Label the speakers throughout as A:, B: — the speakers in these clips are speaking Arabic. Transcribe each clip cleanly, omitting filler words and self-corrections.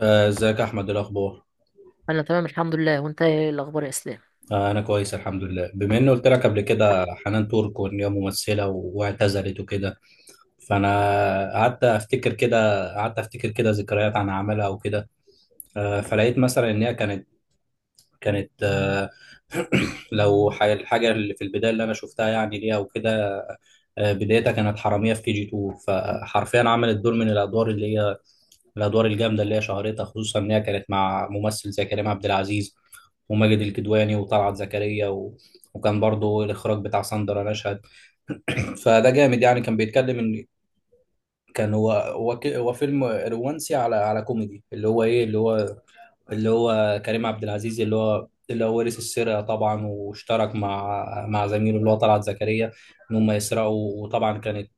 A: ازيك يا احمد، إيه الاخبار؟
B: انا تمام الحمد لله، وانت ايه الاخبار يا اسلام؟
A: انا كويس الحمد لله. بما اني قلت لك قبل كده حنان ترك، وان هي ممثله واعتزلت وكده، فانا قعدت افتكر كده، ذكريات عن اعمالها وكده. فلقيت مثلا ان هي كانت، كانت آه، لو الحاجه اللي في البدايه اللي انا شفتها يعني ليها وكده، بدايتها كانت حراميه في كي جي 2. فحرفيا عملت دور من الادوار اللي هي الادوار الجامده اللي هي شهرتها، خصوصا ان هي كانت مع ممثل زي كريم عبد العزيز وماجد الكدواني وطلعت زكريا، و... وكان برضو الاخراج بتاع ساندرا نشهد. فده جامد، يعني كان بيتكلم ان كان هو فيلم رومانسي على كوميدي، اللي هو ايه، اللي هو اللي هو كريم عبد العزيز اللي هو ورث السرقه طبعا، واشترك مع زميله اللي هو طلعت زكريا، ان هم يسرقوا. وطبعا كانت،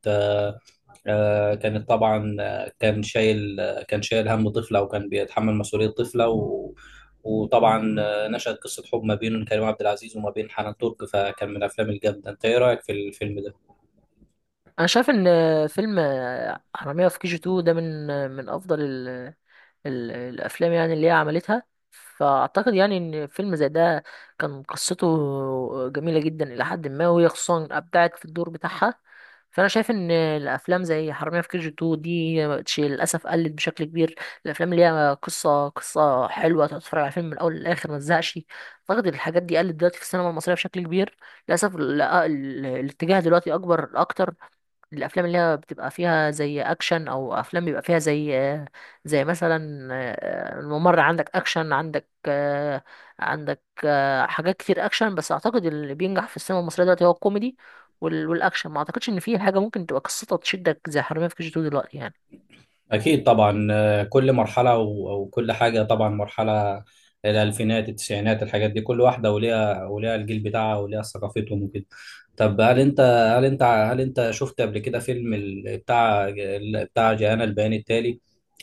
A: آه، كانت طبعا آه، كان شايل، هم طفلة وكان بيتحمل مسؤولية طفلة، و... وطبعا نشأت قصة حب ما بين كريم عبد العزيز وما بين حنان ترك، فكان من الأفلام الجامدة. أنت إيه رأيك في الفيلم ده؟
B: انا شايف ان فيلم حرامية في كي جي 2 ده من من افضل الافلام يعني اللي هي عملتها. فاعتقد يعني ان فيلم زي ده كان قصته جميله جدا الى حد ما، وهي خصوصا ابدعت في الدور بتاعها. فانا شايف ان الافلام زي حراميه في كي جي 2 دي مبقتش للاسف قلت بشكل كبير. الافلام اللي هي قصه حلوه تتفرج على فيلم من الاول للاخر ما تزهقش. اعتقد الحاجات دي قلت دلوقتي في السينما المصريه بشكل كبير. للاسف الاتجاه دلوقتي اكبر اكتر. الافلام اللي هي بتبقى فيها زي اكشن، او افلام بيبقى فيها زي مثلا الممر، عندك اكشن، عندك حاجات كتير اكشن. بس اعتقد اللي بينجح في السينما المصريه دلوقتي هو الكوميدي، والاكشن ما اعتقدش ان في حاجه ممكن تبقى قصتها تشدك زي حرامية في كي جي 2 دلوقتي يعني.
A: أكيد طبعا، كل مرحلة، و... أو كل حاجة طبعا، مرحلة الألفينات، التسعينات، الحاجات دي كل واحدة وليها الجيل بتاعها وليها ثقافتهم وكده. طب هل أنت شفت قبل كده فيلم بتاع جاءنا البيان التالي؟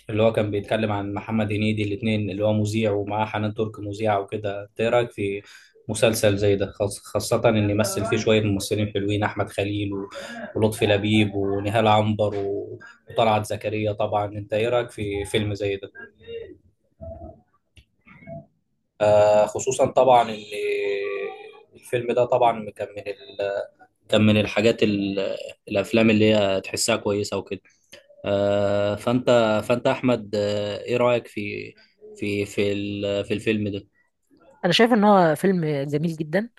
A: اللي هو كان بيتكلم عن محمد هنيدي الاثنين، اللي هو مذيع ومعاه حنان ترك مذيعة وكده. إنت ايه رأيك في مسلسل زي ده، خاصة ان يمثل فيه شوية ممثلين حلوين، احمد خليل ولطفي لبيب ونهال عنبر وطلعت زكريا؟ طبعا انت ايه رأيك في فيلم زي ده؟ آه، خصوصا طبعا ان الفيلم ده طبعا كان من الحاجات، الافلام اللي هي تحسها كويسة وكده. آه، فانت فانت احمد، ايه رايك في في الفيلم ده؟
B: انا شايف ان هو فيلم جميل جدا،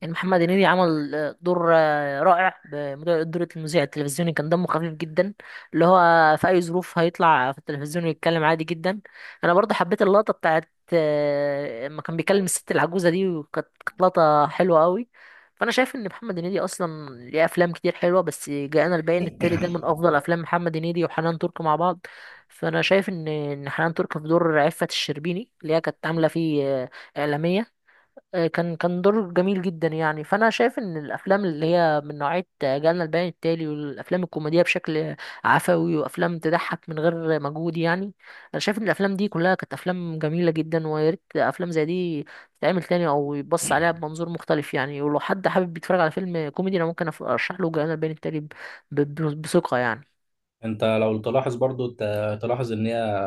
B: يعني محمد هنيدي عمل دور رائع بموضوع دور المذيع التلفزيوني، كان دمه خفيف جدا. اللي هو في اي ظروف هيطلع في التلفزيون ويتكلم عادي جدا. انا برضه حبيت اللقطه بتاعت لما كان بيكلم الست العجوزه دي، وكانت كانت لقطه حلوه قوي. فانا شايف ان محمد هنيدي اصلا ليه افلام كتير حلوه، بس جاءنا البيان التالي ده من افضل افلام محمد هنيدي وحنان ترك مع بعض. فانا شايف ان حنان ترك في دور عفة الشربيني اللي هي كانت عامله فيه اعلاميه، كان دور جميل جدا يعني. فانا شايف ان الافلام اللي هي من نوعيه جالنا البيان التالي والافلام الكوميديه بشكل عفوي، وافلام تضحك من غير مجهود يعني. انا شايف ان الافلام دي كلها كانت افلام جميله جدا، ويا ريت افلام زي دي تتعمل تاني او يبص عليها بمنظور مختلف يعني. ولو حد حابب يتفرج على فيلم كوميدي انا ممكن ارشح له جالنا البيان التالي بثقه يعني.
A: انت لو تلاحظ برضو تلاحظ ان هي،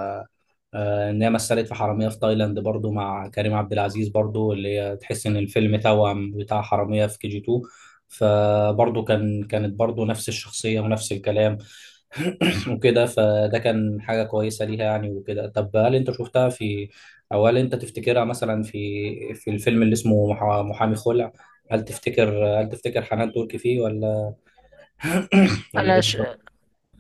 A: ان هي مثلت في حراميه في تايلاند برضو مع كريم عبد العزيز برضو، اللي هي تحس ان الفيلم توأم بتاع حراميه في كي جي 2. فبرضو كانت برضو نفس الشخصيه ونفس الكلام وكده، فده كان حاجه كويسه ليها يعني وكده. طب هل انت شفتها في، او هل انت تفتكرها مثلا في في الفيلم اللي اسمه محامي خلع؟ هل تفتكر حنان تركي فيه، ولا ايه
B: انا ش...
A: بالظبط؟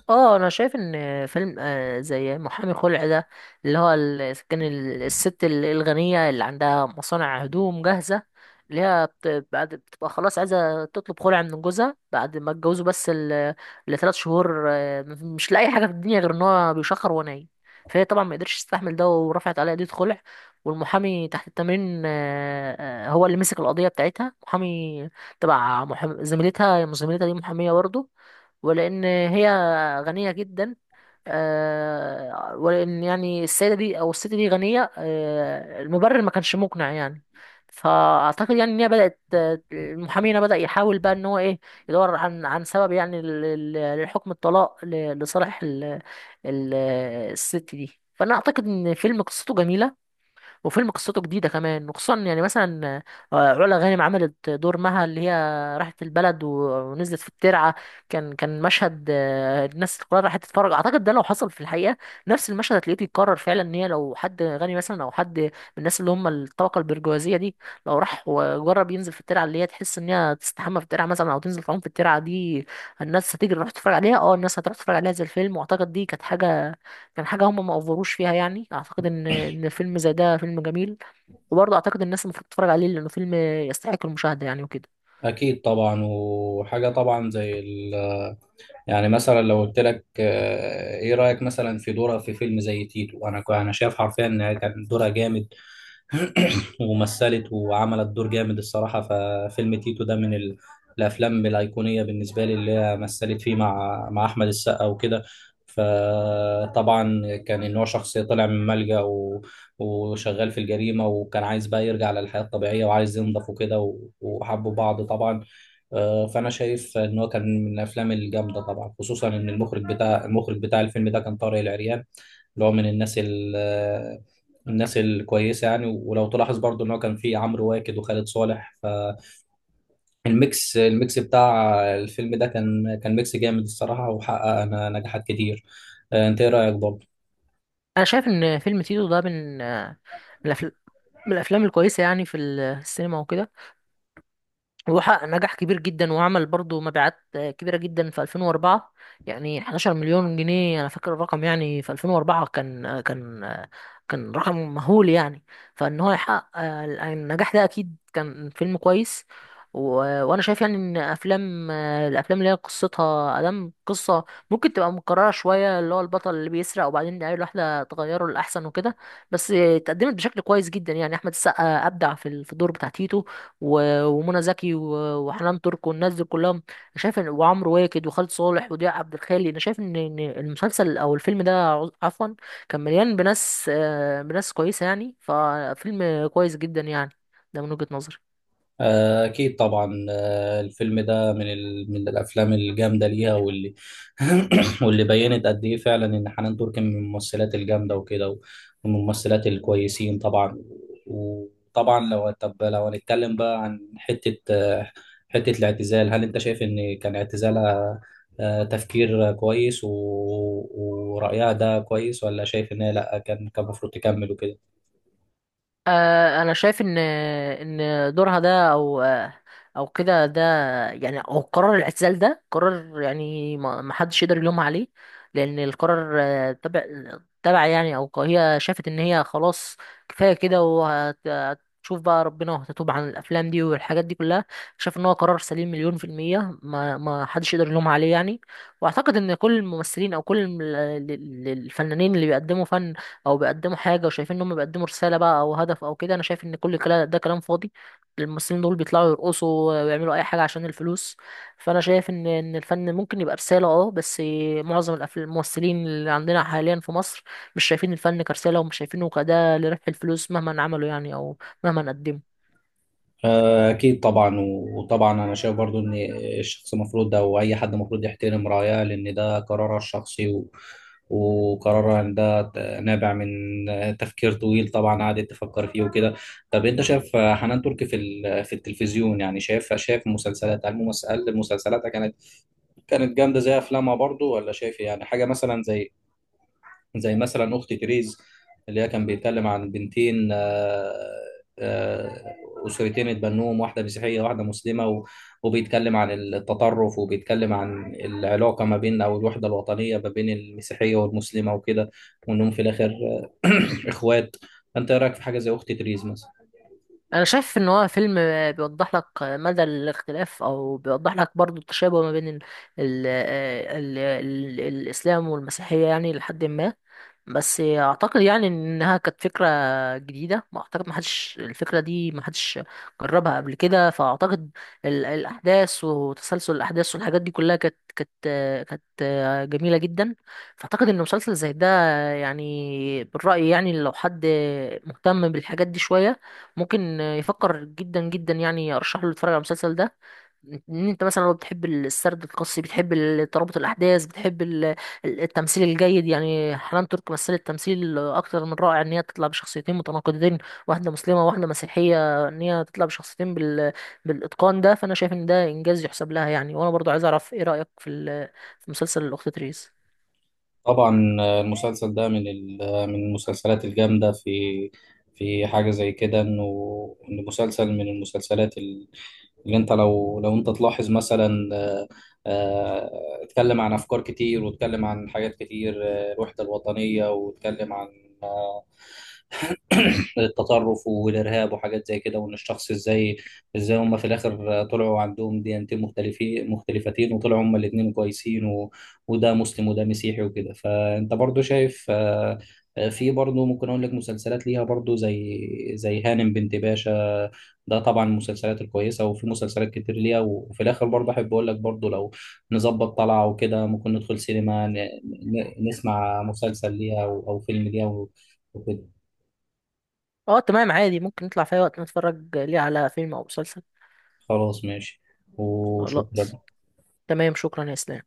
B: اه انا شايف ان فيلم زي محامي خلع ده، اللي هو ال- كان ال- الست الغنية اللي عندها مصانع هدوم جاهزة، اللي هي بعد بتبقى خلاص عايزة تطلب خلع من جوزها بعد ما اتجوزوا، بس لثلاث شهور، مش لاقي حاجة في الدنيا غير ان هو بيشخر ونايم. فهي طبعا ما قدرتش تستحمل ده، ورفعت عليها قضية خلع. والمحامي تحت التمرين، هو اللي مسك القضية بتاعتها، محامي تبع زميلتها. زميلتها دي محامية برضه. ولان هي غنية جدا، ولأن يعني السيدة دي أو الست دي غنية، المبرر ما كانش مقنع يعني. فأعتقد يعني إن هي بدأت آه، المحامي هنا بدأ يحاول بقى إن هو إيه، يدور عن سبب يعني لحكم الطلاق لصالح ال- الست دي. فأنا أعتقد إن فيلم قصته جميلة، وفيلم قصته جديدة كمان. وخصوصا يعني مثلا علا غانم عملت دور مها، اللي هي راحت البلد ونزلت في الترعة. كان مشهد الناس كلها راحت تتفرج، أعتقد ده لو حصل في الحقيقة نفس المشهد هتلاقيه بيتكرر فعلا. إن هي لو حد غني مثلا أو حد من الناس اللي هم الطبقة البرجوازية دي، لو راح وجرب ينزل في الترعة، اللي هي تحس إن هي تستحمى في الترعة مثلا أو تنزل تعوم في الترعة دي، الناس هتجري تروح تتفرج عليها. اه الناس هتروح تتفرج عليها زي الفيلم، واعتقد دي كانت حاجة كان حاجة هم ما أفوروش فيها يعني. أعتقد إن فيلم زي ده فيلم جميل، وبرضه أعتقد الناس المفروض تتفرج عليه لأنه فيلم يستحق المشاهدة يعني وكده.
A: اكيد طبعا. وحاجه طبعا زي ال، يعني مثلا لو قلت لك، ايه رأيك مثلا في دورها في فيلم زي تيتو؟ انا شايف حرفيا ان كان دورها جامد، ومثلت وعملت دور جامد الصراحة. ففيلم تيتو ده من الافلام الايقونية بالنسبة لي، اللي هي مثلت فيه مع احمد السقا وكده. فطبعا كان ان هو شخص طلع من ملجأ، و... وشغال في الجريمة، وكان عايز بقى يرجع للحياة الطبيعية وعايز ينضف وكده، و... وحبوا بعض طبعا. فانا شايف ان هو كان من الافلام الجامده طبعا، خصوصا ان المخرج بتاع الفيلم ده كان طارق العريان، اللي هو من الناس ال آه، الناس الكويسه يعني. ولو تلاحظ برضو ان هو كان فيه عمرو واكد وخالد صالح، الميكس بتاع الفيلم ده كان ميكس جامد الصراحه، وحقق نجاحات كتير. انت ايه رايك برضو؟
B: أنا شايف إن فيلم تيتو ده من من الأفل- من الأفلام الكويسة يعني في السينما وكده. وحقق نجاح كبير جدا، وعمل برضه مبيعات كبيرة جدا في 2004، يعني 11 مليون جنيه أنا فاكر الرقم يعني. في 2004 كان كان رقم مهول يعني. فإن هو يحقق النجاح ده أكيد كان فيلم كويس. وأنا شايف يعني إن أفلام آه، الأفلام اللي هي قصتها أدام قصة، ممكن تبقى مكررة شوية، اللي هو البطل اللي بيسرق وبعدين عيله واحدة تغيره لأحسن وكده، بس اتقدمت بشكل كويس جدا يعني. أحمد السقا أبدع في في الدور بتاع تيتو، ومنى زكي، وحنان ترك، والناس دي كلها. أنا شايف ان وعمرو واكد وخالد صالح وضياء عبد الخالي، انا شايف إن المسلسل او الفيلم ده، عفوا، كان مليان بناس بناس كويسه يعني، ففيلم كويس جدا يعني، ده من وجهة نظري.
A: أكيد طبعا، الفيلم ده من من الأفلام الجامدة ليها، واللي واللي بينت قد إيه فعلا إن حنان ترك من الممثلات الجامدة وكده، ومن الممثلات الكويسين طبعا. وطبعا لو هنتكلم بقى عن حتة الاعتزال، هل أنت شايف إن كان اعتزالها تفكير كويس، و... ورأيها ده كويس، ولا شايف إن هي لأ، كان المفروض تكمل وكده؟
B: انا شايف ان دورها ده، او كده ده او قرار الاعتزال ده قرار يعني، ما حدش يقدر يلومها عليه. لان القرار تبع يعني، او هي شافت ان هي خلاص كفايه كده، وهتشوف بقى ربنا، وهتتوب عن الافلام دي والحاجات دي كلها. شاف ان هو قرار سليم مليون في الميه، ما حدش يقدر يلومها عليه يعني. واعتقد ان كل الممثلين او كل الفنانين اللي بيقدموا فن او بيقدموا حاجه، وشايفين ان هم بيقدموا رساله بقى او هدف او كده، انا شايف ان كل كلا ده كلام فاضي. الممثلين دول بيطلعوا يرقصوا ويعملوا اي حاجه عشان الفلوس. فانا شايف ان الفن ممكن يبقى رساله، بس معظم الممثلين اللي عندنا حاليا في مصر مش شايفين الفن كرساله، ومش شايفينه كده لربح الفلوس مهما عملوا يعني او مهما قدموا.
A: أكيد طبعا. وطبعا أنا شايف برضو إن الشخص المفروض، أو أي حد المفروض يحترم رأيها، لأن ده قرارها الشخصي، و... وقرارها إن ده نابع من تفكير طويل، طبعا قعدت تفكر فيه وكده. طب أنت شايف حنان تركي في في التلفزيون؟ يعني شايف، مسلسلات، هل مسلسلاتها كانت جامدة زي أفلامها برضو، ولا شايف يعني حاجة مثلا زي، زي مثلا اخت تريز، اللي هي كان بيتكلم عن بنتين، آه، اسرتين اتبنوهم، واحده مسيحيه واحده مسلمه، وبيتكلم عن التطرف، وبيتكلم عن العلاقه ما بين، او الوحده الوطنيه ما بين المسيحيه والمسلمه وكده، وانهم في الاخر آه، اخوات. انت إيه رايك في حاجه زي اخت تريز مثلا؟
B: انا شايف ان هو فيلم بيوضح لك مدى الاختلاف، او بيوضح لك برضو التشابه ما بين ال ال آه، ال ال الاسلام والمسيحيه يعني لحد ما. بس اعتقد يعني انها كانت فكره جديده، ما اعتقد، ما حدش جربها قبل كده. فاعتقد الاحداث وتسلسل الاحداث والحاجات دي كلها كانت جميله جدا. فاعتقد ان مسلسل زي ده يعني بالراي، يعني لو حد مهتم بالحاجات دي شويه ممكن يفكر جدا جدا يعني، ارشحه له يتفرج على المسلسل ده. ان انت مثلا لو بتحب السرد القصي، بتحب ترابط الاحداث، بتحب التمثيل الجيد، يعني حنان ترك مثلت تمثيل اكتر من رائع ان هي تطلع بشخصيتين متناقضتين، واحده مسلمه وواحده مسيحيه. ان هي تطلع بشخصيتين بالاتقان ده، فانا شايف ان ده انجاز يحسب لها يعني. وانا برضو عايز اعرف ايه رايك في في مسلسل الاخت تريس؟
A: طبعا المسلسل ده من من المسلسلات الجامده في في حاجه زي كده، إنه مسلسل من المسلسلات اللي انت، لو تلاحظ مثلا، آه، اتكلم عن افكار كتير، واتكلم عن حاجات كتير، الوحده الوطنيه، واتكلم عن التطرف والارهاب وحاجات زي كده. وان الشخص ازاي، هم في الاخر طلعوا عندهم ديانتين مختلفتين، وطلعوا هم الاثنين كويسين، و... وده مسلم وده مسيحي وكده. فانت برضو شايف، في برضو ممكن اقول لك مسلسلات ليها برضو، زي هانم بنت باشا، ده طبعا المسلسلات الكويسه، وفي مسلسلات كتير ليها. وفي الاخر برضه احب اقول لك برضه، لو نظبط طلعه وكده ممكن ندخل سينما، نسمع مسلسل ليها، او أو فيلم ليها وكده.
B: اه، تمام، عادي، ممكن نطلع في اي وقت نتفرج ليه على فيلم او مسلسل.
A: خلاص ماشي،
B: خلاص،
A: وشكرا.
B: تمام، شكرا يا اسلام.